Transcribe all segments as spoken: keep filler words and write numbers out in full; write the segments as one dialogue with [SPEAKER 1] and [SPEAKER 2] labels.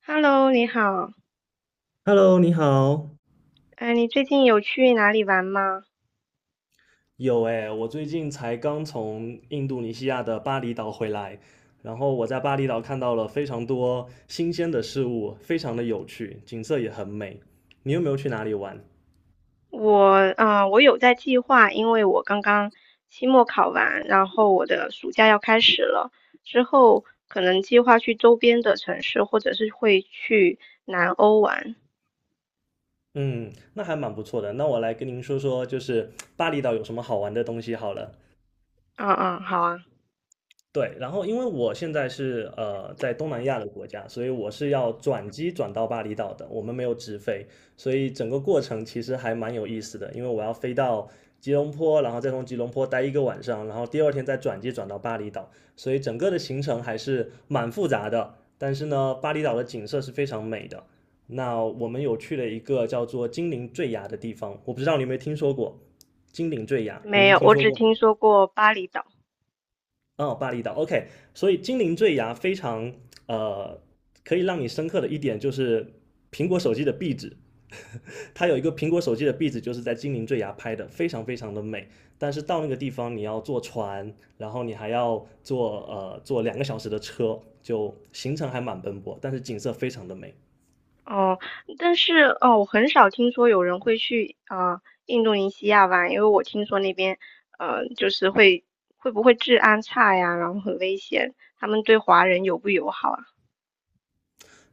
[SPEAKER 1] Hello，你好。
[SPEAKER 2] Hello，你好。
[SPEAKER 1] 哎，你最近有去哪里玩吗？
[SPEAKER 2] 有诶，我最近才刚从印度尼西亚的巴厘岛回来，然后我在巴厘岛看到了非常多新鲜的事物，非常的有趣，景色也很美。你有没有去哪里玩？
[SPEAKER 1] 我，啊，我有在计划，因为我刚刚期末考完，然后我的暑假要开始了，之后可能计划去周边的城市，或者是会去南欧玩。
[SPEAKER 2] 嗯，那还蛮不错的。那我来跟您说说，就是巴厘岛有什么好玩的东西好了。
[SPEAKER 1] 嗯嗯，好啊。
[SPEAKER 2] 对，然后因为我现在是呃在东南亚的国家，所以我是要转机转到巴厘岛的，我们没有直飞，所以整个过程其实还蛮有意思的，因为我要飞到吉隆坡，然后再从吉隆坡待一个晚上，然后第二天再转机转到巴厘岛，所以整个的行程还是蛮复杂的。但是呢，巴厘岛的景色是非常美的。那我们有去了一个叫做金陵坠崖的地方，我不知道你有没有听说过金陵坠崖，
[SPEAKER 1] 没
[SPEAKER 2] 您
[SPEAKER 1] 有，
[SPEAKER 2] 听
[SPEAKER 1] 我
[SPEAKER 2] 说
[SPEAKER 1] 只
[SPEAKER 2] 过吗？
[SPEAKER 1] 听说过巴厘岛。
[SPEAKER 2] 哦，巴厘岛，OK，所以精灵坠崖非常呃，可以让你深刻的一点就是苹果手机的壁纸，它有一个苹果手机的壁纸，就是在精灵坠崖拍的，非常非常的美。但是到那个地方，你要坐船，然后你还要坐呃坐两个小时的车，就行程还蛮奔波，但是景色非常的美。
[SPEAKER 1] 哦，但是哦，我很少听说有人会去啊、呃印度尼西亚玩，因为我听说那边呃就是会会不会治安差呀，然后很危险，他们对华人友不友好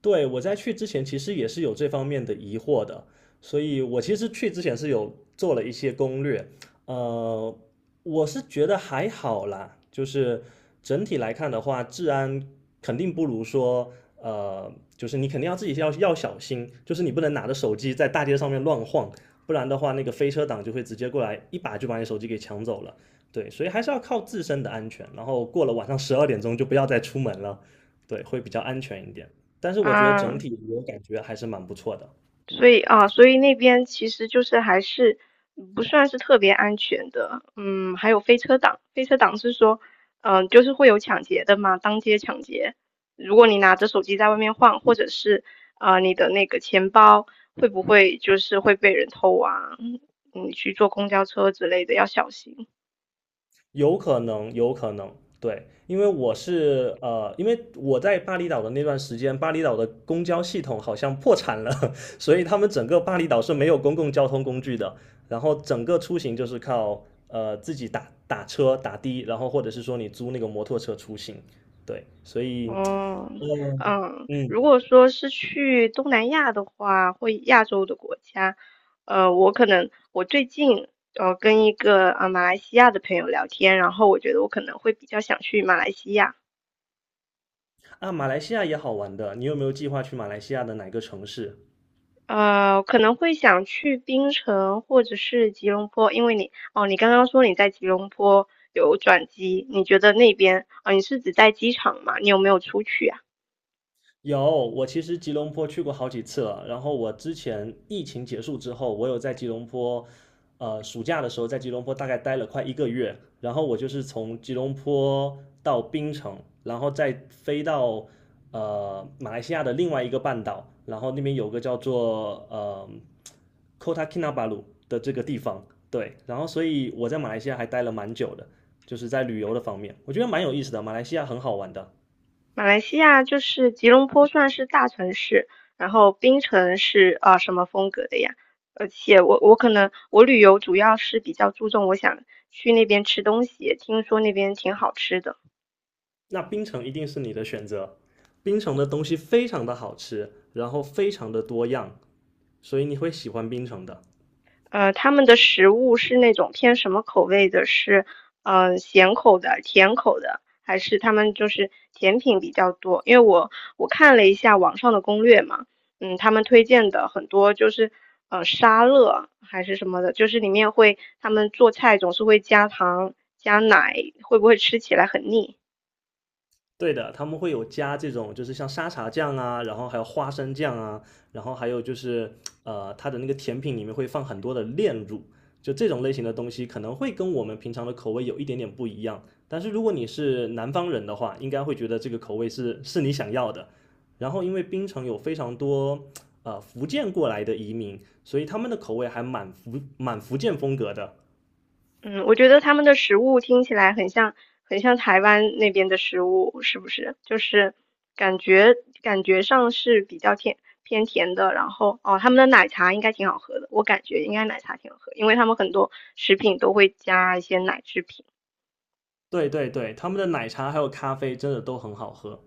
[SPEAKER 2] 对，我在去之前其实也是有这方面的疑惑的，所以我其实去之前是有做了一些攻略，呃，我是觉得还好啦，就是整体来看的话，治安肯定不如说，呃，就是你肯定要自己要要小心，就是你不能拿着手机在大街上面乱晃，不然的话，那个飞车党就会直接过来一把就把你手机给抢走了。对，所以还是要靠自身的安全，然后过了晚上十二点钟就不要再出门了，对，会比较安全一点。但是
[SPEAKER 1] 啊？
[SPEAKER 2] 我觉得整
[SPEAKER 1] 啊。
[SPEAKER 2] 体我感觉还是蛮不错的，
[SPEAKER 1] 所以啊，所以那边其实就是还是不算是特别安全的。嗯，还有飞车党，飞车党是说，嗯、就是会有抢劫的嘛，当街抢劫。如果你拿着手机在外面晃，或者是啊、呃你的那个钱包会不会就是会被人偷啊？嗯，你去坐公交车之类的要小心。
[SPEAKER 2] 有可能，有可能，对，因为我是呃，因为我在巴厘岛的那段时间，巴厘岛的公交系统好像破产了，所以他们整个巴厘岛是没有公共交通工具的，然后整个出行就是靠呃自己打打车打的，然后或者是说你租那个摩托车出行，对，所以，
[SPEAKER 1] 哦，
[SPEAKER 2] 嗯
[SPEAKER 1] 嗯，
[SPEAKER 2] 嗯
[SPEAKER 1] 如果说是去东南亚的话，或亚洲的国家，呃，我可能我最近呃跟一个呃马来西亚的朋友聊天，然后我觉得我可能会比较想去马来西亚。
[SPEAKER 2] 啊，马来西亚也好玩的，你有没有计划去马来西亚的哪个城市？
[SPEAKER 1] 呃，可能会想去槟城或者是吉隆坡，因为你哦，你刚刚说你在吉隆坡有转机，你觉得那边啊，呃你是指在机场吗？你有没有出去啊？
[SPEAKER 2] 有，我其实吉隆坡去过好几次了。然后我之前疫情结束之后，我有在吉隆坡，呃，暑假的时候在吉隆坡大概待了快一个月。然后我就是从吉隆坡到槟城，然后再飞到呃马来西亚的另外一个半岛，然后那边有个叫做呃 Kota Kinabalu 的这个地方。对，然后所以我在马来西亚还待了蛮久的，就是在旅游的方面，我觉得蛮有意思的。马来西亚很好玩的。
[SPEAKER 1] 马来西亚就是吉隆坡算是大城市，然后槟城是啊、呃什么风格的呀？而且我我可能我旅游主要是比较注重我想去那边吃东西，听说那边挺好吃的。
[SPEAKER 2] 那槟城一定是你的选择。槟城的东西非常的好吃，然后非常的多样，所以你会喜欢槟城的。
[SPEAKER 1] 呃，他们的食物是那种偏什么口味的？是呃咸口的、甜口的，还是他们就是甜品比较多？因为我我看了一下网上的攻略嘛。嗯，他们推荐的很多就是呃沙乐还是什么的，就是里面会他们做菜总是会加糖加奶，会不会吃起来很腻？
[SPEAKER 2] 对的，他们会有加这种，就是像沙茶酱啊，然后还有花生酱啊，然后还有就是呃，它的那个甜品里面会放很多的炼乳，就这种类型的东西可能会跟我们平常的口味有一点点不一样。但是如果你是南方人的话，应该会觉得这个口味是是你想要的。然后因为槟城有非常多呃福建过来的移民，所以他们的口味还蛮福蛮福建风格的。
[SPEAKER 1] 嗯，我觉得他们的食物听起来很像，很像台湾那边的食物，是不是？就是感觉感觉上是比较甜偏甜的，然后哦，他们的奶茶应该挺好喝的，我感觉应该奶茶挺好喝，因为他们很多食品都会加一些奶制品。
[SPEAKER 2] 对对对，他们的奶茶还有咖啡真的都很好喝。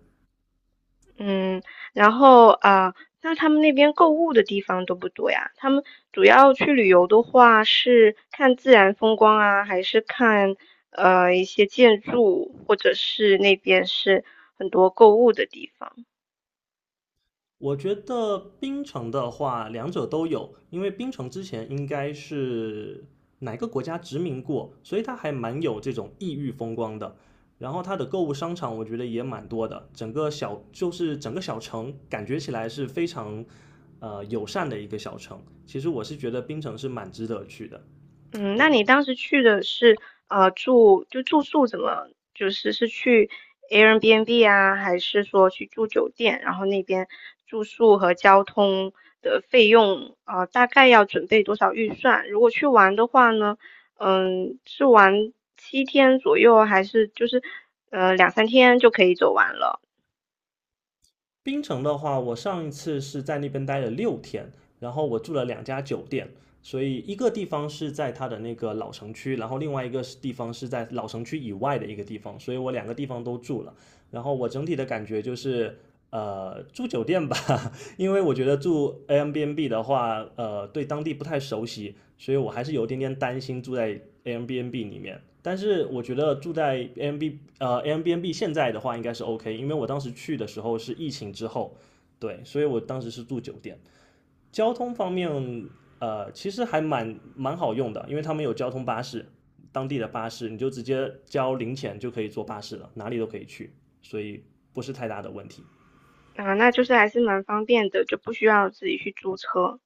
[SPEAKER 1] 嗯，然后啊，那他们那边购物的地方多不多呀？他们主要去旅游的话，是看自然风光啊，还是看呃一些建筑，或者是那边是很多购物的地方？
[SPEAKER 2] 我觉得槟城的话，两者都有，因为槟城之前应该是哪个国家殖民过，所以它还蛮有这种异域风光的。然后它的购物商场，我觉得也蛮多的，整个小就是整个小城感觉起来是非常呃友善的一个小城。其实我是觉得槟城是蛮值得去的，
[SPEAKER 1] 嗯，那
[SPEAKER 2] 对。
[SPEAKER 1] 你当时去的是呃住就住宿怎么就是是去 Airbnb 啊，还是说去住酒店？然后那边住宿和交通的费用呃大概要准备多少预算？如果去玩的话呢，嗯，是玩七天左右，还是就是呃两三天就可以走完了？
[SPEAKER 2] 槟城的话，我上一次是在那边待了六天，然后我住了两家酒店，所以一个地方是在它的那个老城区，然后另外一个地方是在老城区以外的一个地方，所以我两个地方都住了。然后我整体的感觉就是，呃，住酒店吧，因为我觉得住 Airbnb 的话，呃，对当地不太熟悉，所以我还是有点点担心住在 Airbnb 里面。但是我觉得住在 Airbnb 呃 Airbnb 现在的话应该是 OK，因为我当时去的时候是疫情之后，对，所以我当时是住酒店。交通方面，呃，其实还蛮蛮好用的，因为他们有交通巴士，当地的巴士，你就直接交零钱就可以坐巴士了，哪里都可以去，所以不是太大的问题。
[SPEAKER 1] 啊、那就是还是蛮方便的，就不需要自己去租车。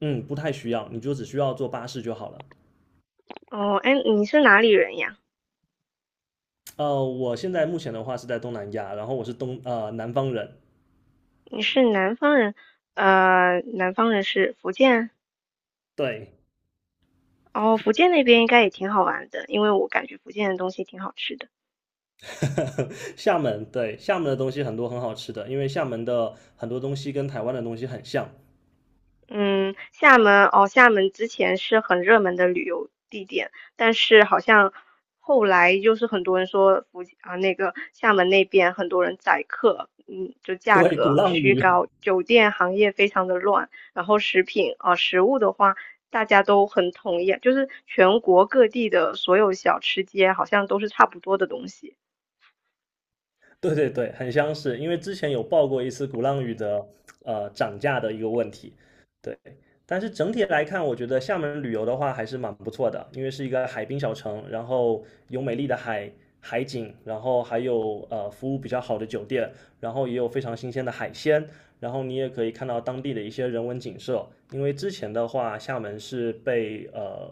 [SPEAKER 2] 嗯，不太需要，你就只需要坐巴士就好了。
[SPEAKER 1] 哦，哎，你是哪里人呀？
[SPEAKER 2] 呃，我现在目前的话是在东南亚，然后我是东呃南方人，
[SPEAKER 1] 你是南方人。呃，南方人是福建，
[SPEAKER 2] 对，
[SPEAKER 1] 哦，福建那边应该也挺好玩的，因为我感觉福建的东西挺好吃的。
[SPEAKER 2] 厦门，对，厦门的东西很多很好吃的，因为厦门的很多东西跟台湾的东西很像，
[SPEAKER 1] 嗯，厦门哦，厦门之前是很热门的旅游地点，但是好像后来就是很多人说福建啊，那个厦门那边很多人宰客，嗯，就 价
[SPEAKER 2] 对，鼓
[SPEAKER 1] 格
[SPEAKER 2] 浪
[SPEAKER 1] 虚
[SPEAKER 2] 屿，
[SPEAKER 1] 高，酒店行业非常的乱，然后食品啊，食物的话，大家都很统一，就是全国各地的所有小吃街好像都是差不多的东西。
[SPEAKER 2] 对对对，很相似，因为之前有报过一次鼓浪屿的呃涨价的一个问题，对。但是整体来看，我觉得厦门旅游的话还是蛮不错的，因为是一个海滨小城，然后有美丽的海海景，然后还有呃服务比较好的酒店，然后也有非常新鲜的海鲜，然后你也可以看到当地的一些人文景色。因为之前的话，厦门是被呃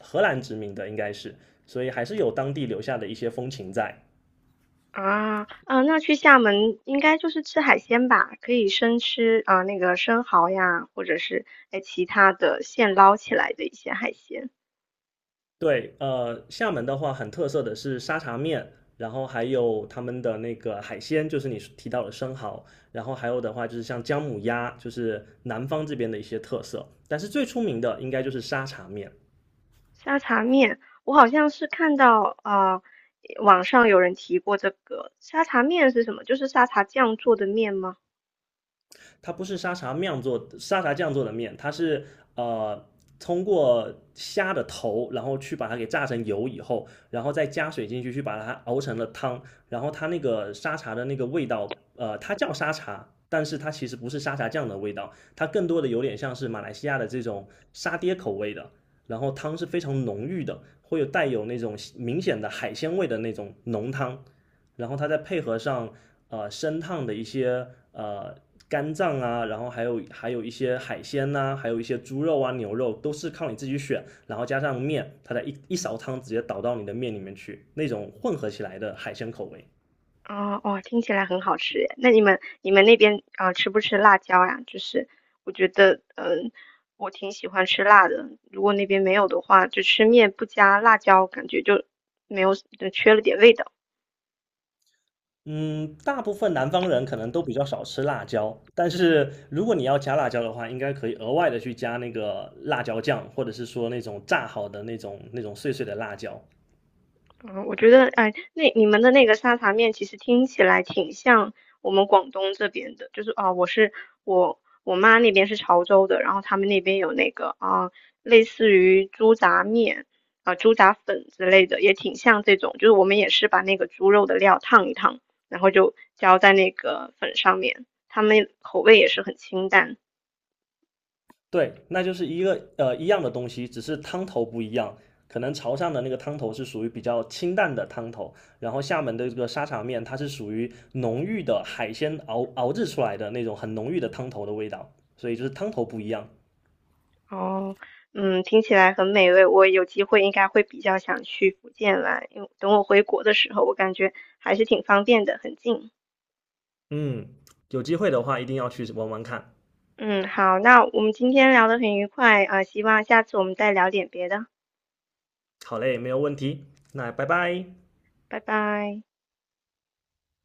[SPEAKER 2] 荷兰殖民的，应该是，所以还是有当地留下的一些风情在。
[SPEAKER 1] 啊，啊，那去厦门应该就是吃海鲜吧？可以生吃啊，那个生蚝呀，或者是哎其他的现捞起来的一些海鲜。
[SPEAKER 2] 对，呃，厦门的话很特色的是沙茶面，然后还有他们的那个海鲜，就是你提到的生蚝，然后还有的话就是像姜母鸭，就是南方这边的一些特色。但是最出名的应该就是沙茶面。
[SPEAKER 1] 沙茶面，我好像是看到啊，网上有人提过这个沙茶面是什么？就是沙茶酱做的面吗？
[SPEAKER 2] 它不是沙茶酿做沙茶酱做的面，它是呃通过虾的头，然后去把它给炸成油以后，然后再加水进去，去把它熬成了汤，然后它那个沙茶的那个味道，呃，它叫沙茶。但是它其实不是沙茶酱的味道，它更多的有点像是马来西亚的这种沙爹口味的，然后汤是非常浓郁的，会有带有那种明显的海鲜味的那种浓汤，然后它再配合上呃生烫的一些呃肝脏啊，然后还有还有一些海鲜呐、啊还有一些猪肉啊、牛肉，都是靠你自己选，然后加上面，它的一一勺汤直接倒到你的面里面去，那种混合起来的海鲜口味。
[SPEAKER 1] 哦哦，听起来很好吃耶。那你们你们那边啊，吃不吃辣椒呀？就是我觉得嗯、呃我挺喜欢吃辣的。如果那边没有的话，就吃面不加辣椒，感觉就没有，就缺了点味道。
[SPEAKER 2] 嗯，大部分南方人可能都比较少吃辣椒，但是如果你要加辣椒的话，应该可以额外的去加那个辣椒酱，或者是说那种炸好的那种那种碎碎的辣椒。
[SPEAKER 1] 嗯，我觉得，哎，那你们的那个沙茶面其实听起来挺像我们广东这边的，就是啊，我是我我妈那边是潮州的，然后他们那边有那个啊，类似于猪杂面啊、猪杂粉之类的，也挺像这种，就是我们也是把那个猪肉的料烫一烫，然后就浇在那个粉上面，他们口味也是很清淡的。
[SPEAKER 2] 对，那就是一个呃一样的东西，只是汤头不一样。可能潮汕的那个汤头是属于比较清淡的汤头，然后厦门的这个沙茶面，它是属于浓郁的海鲜熬熬制出来的那种很浓郁的汤头的味道，所以就是汤头不一样。
[SPEAKER 1] 哦，嗯，听起来很美味。我有机会应该会比较想去福建玩，因为等我回国的时候，我感觉还是挺方便的，很近。
[SPEAKER 2] 嗯，有机会的话一定要去玩玩看。
[SPEAKER 1] 嗯，好，那我们今天聊得很愉快啊，希望下次我们再聊点别的。
[SPEAKER 2] 好嘞，没有问题，那拜拜。
[SPEAKER 1] 拜拜。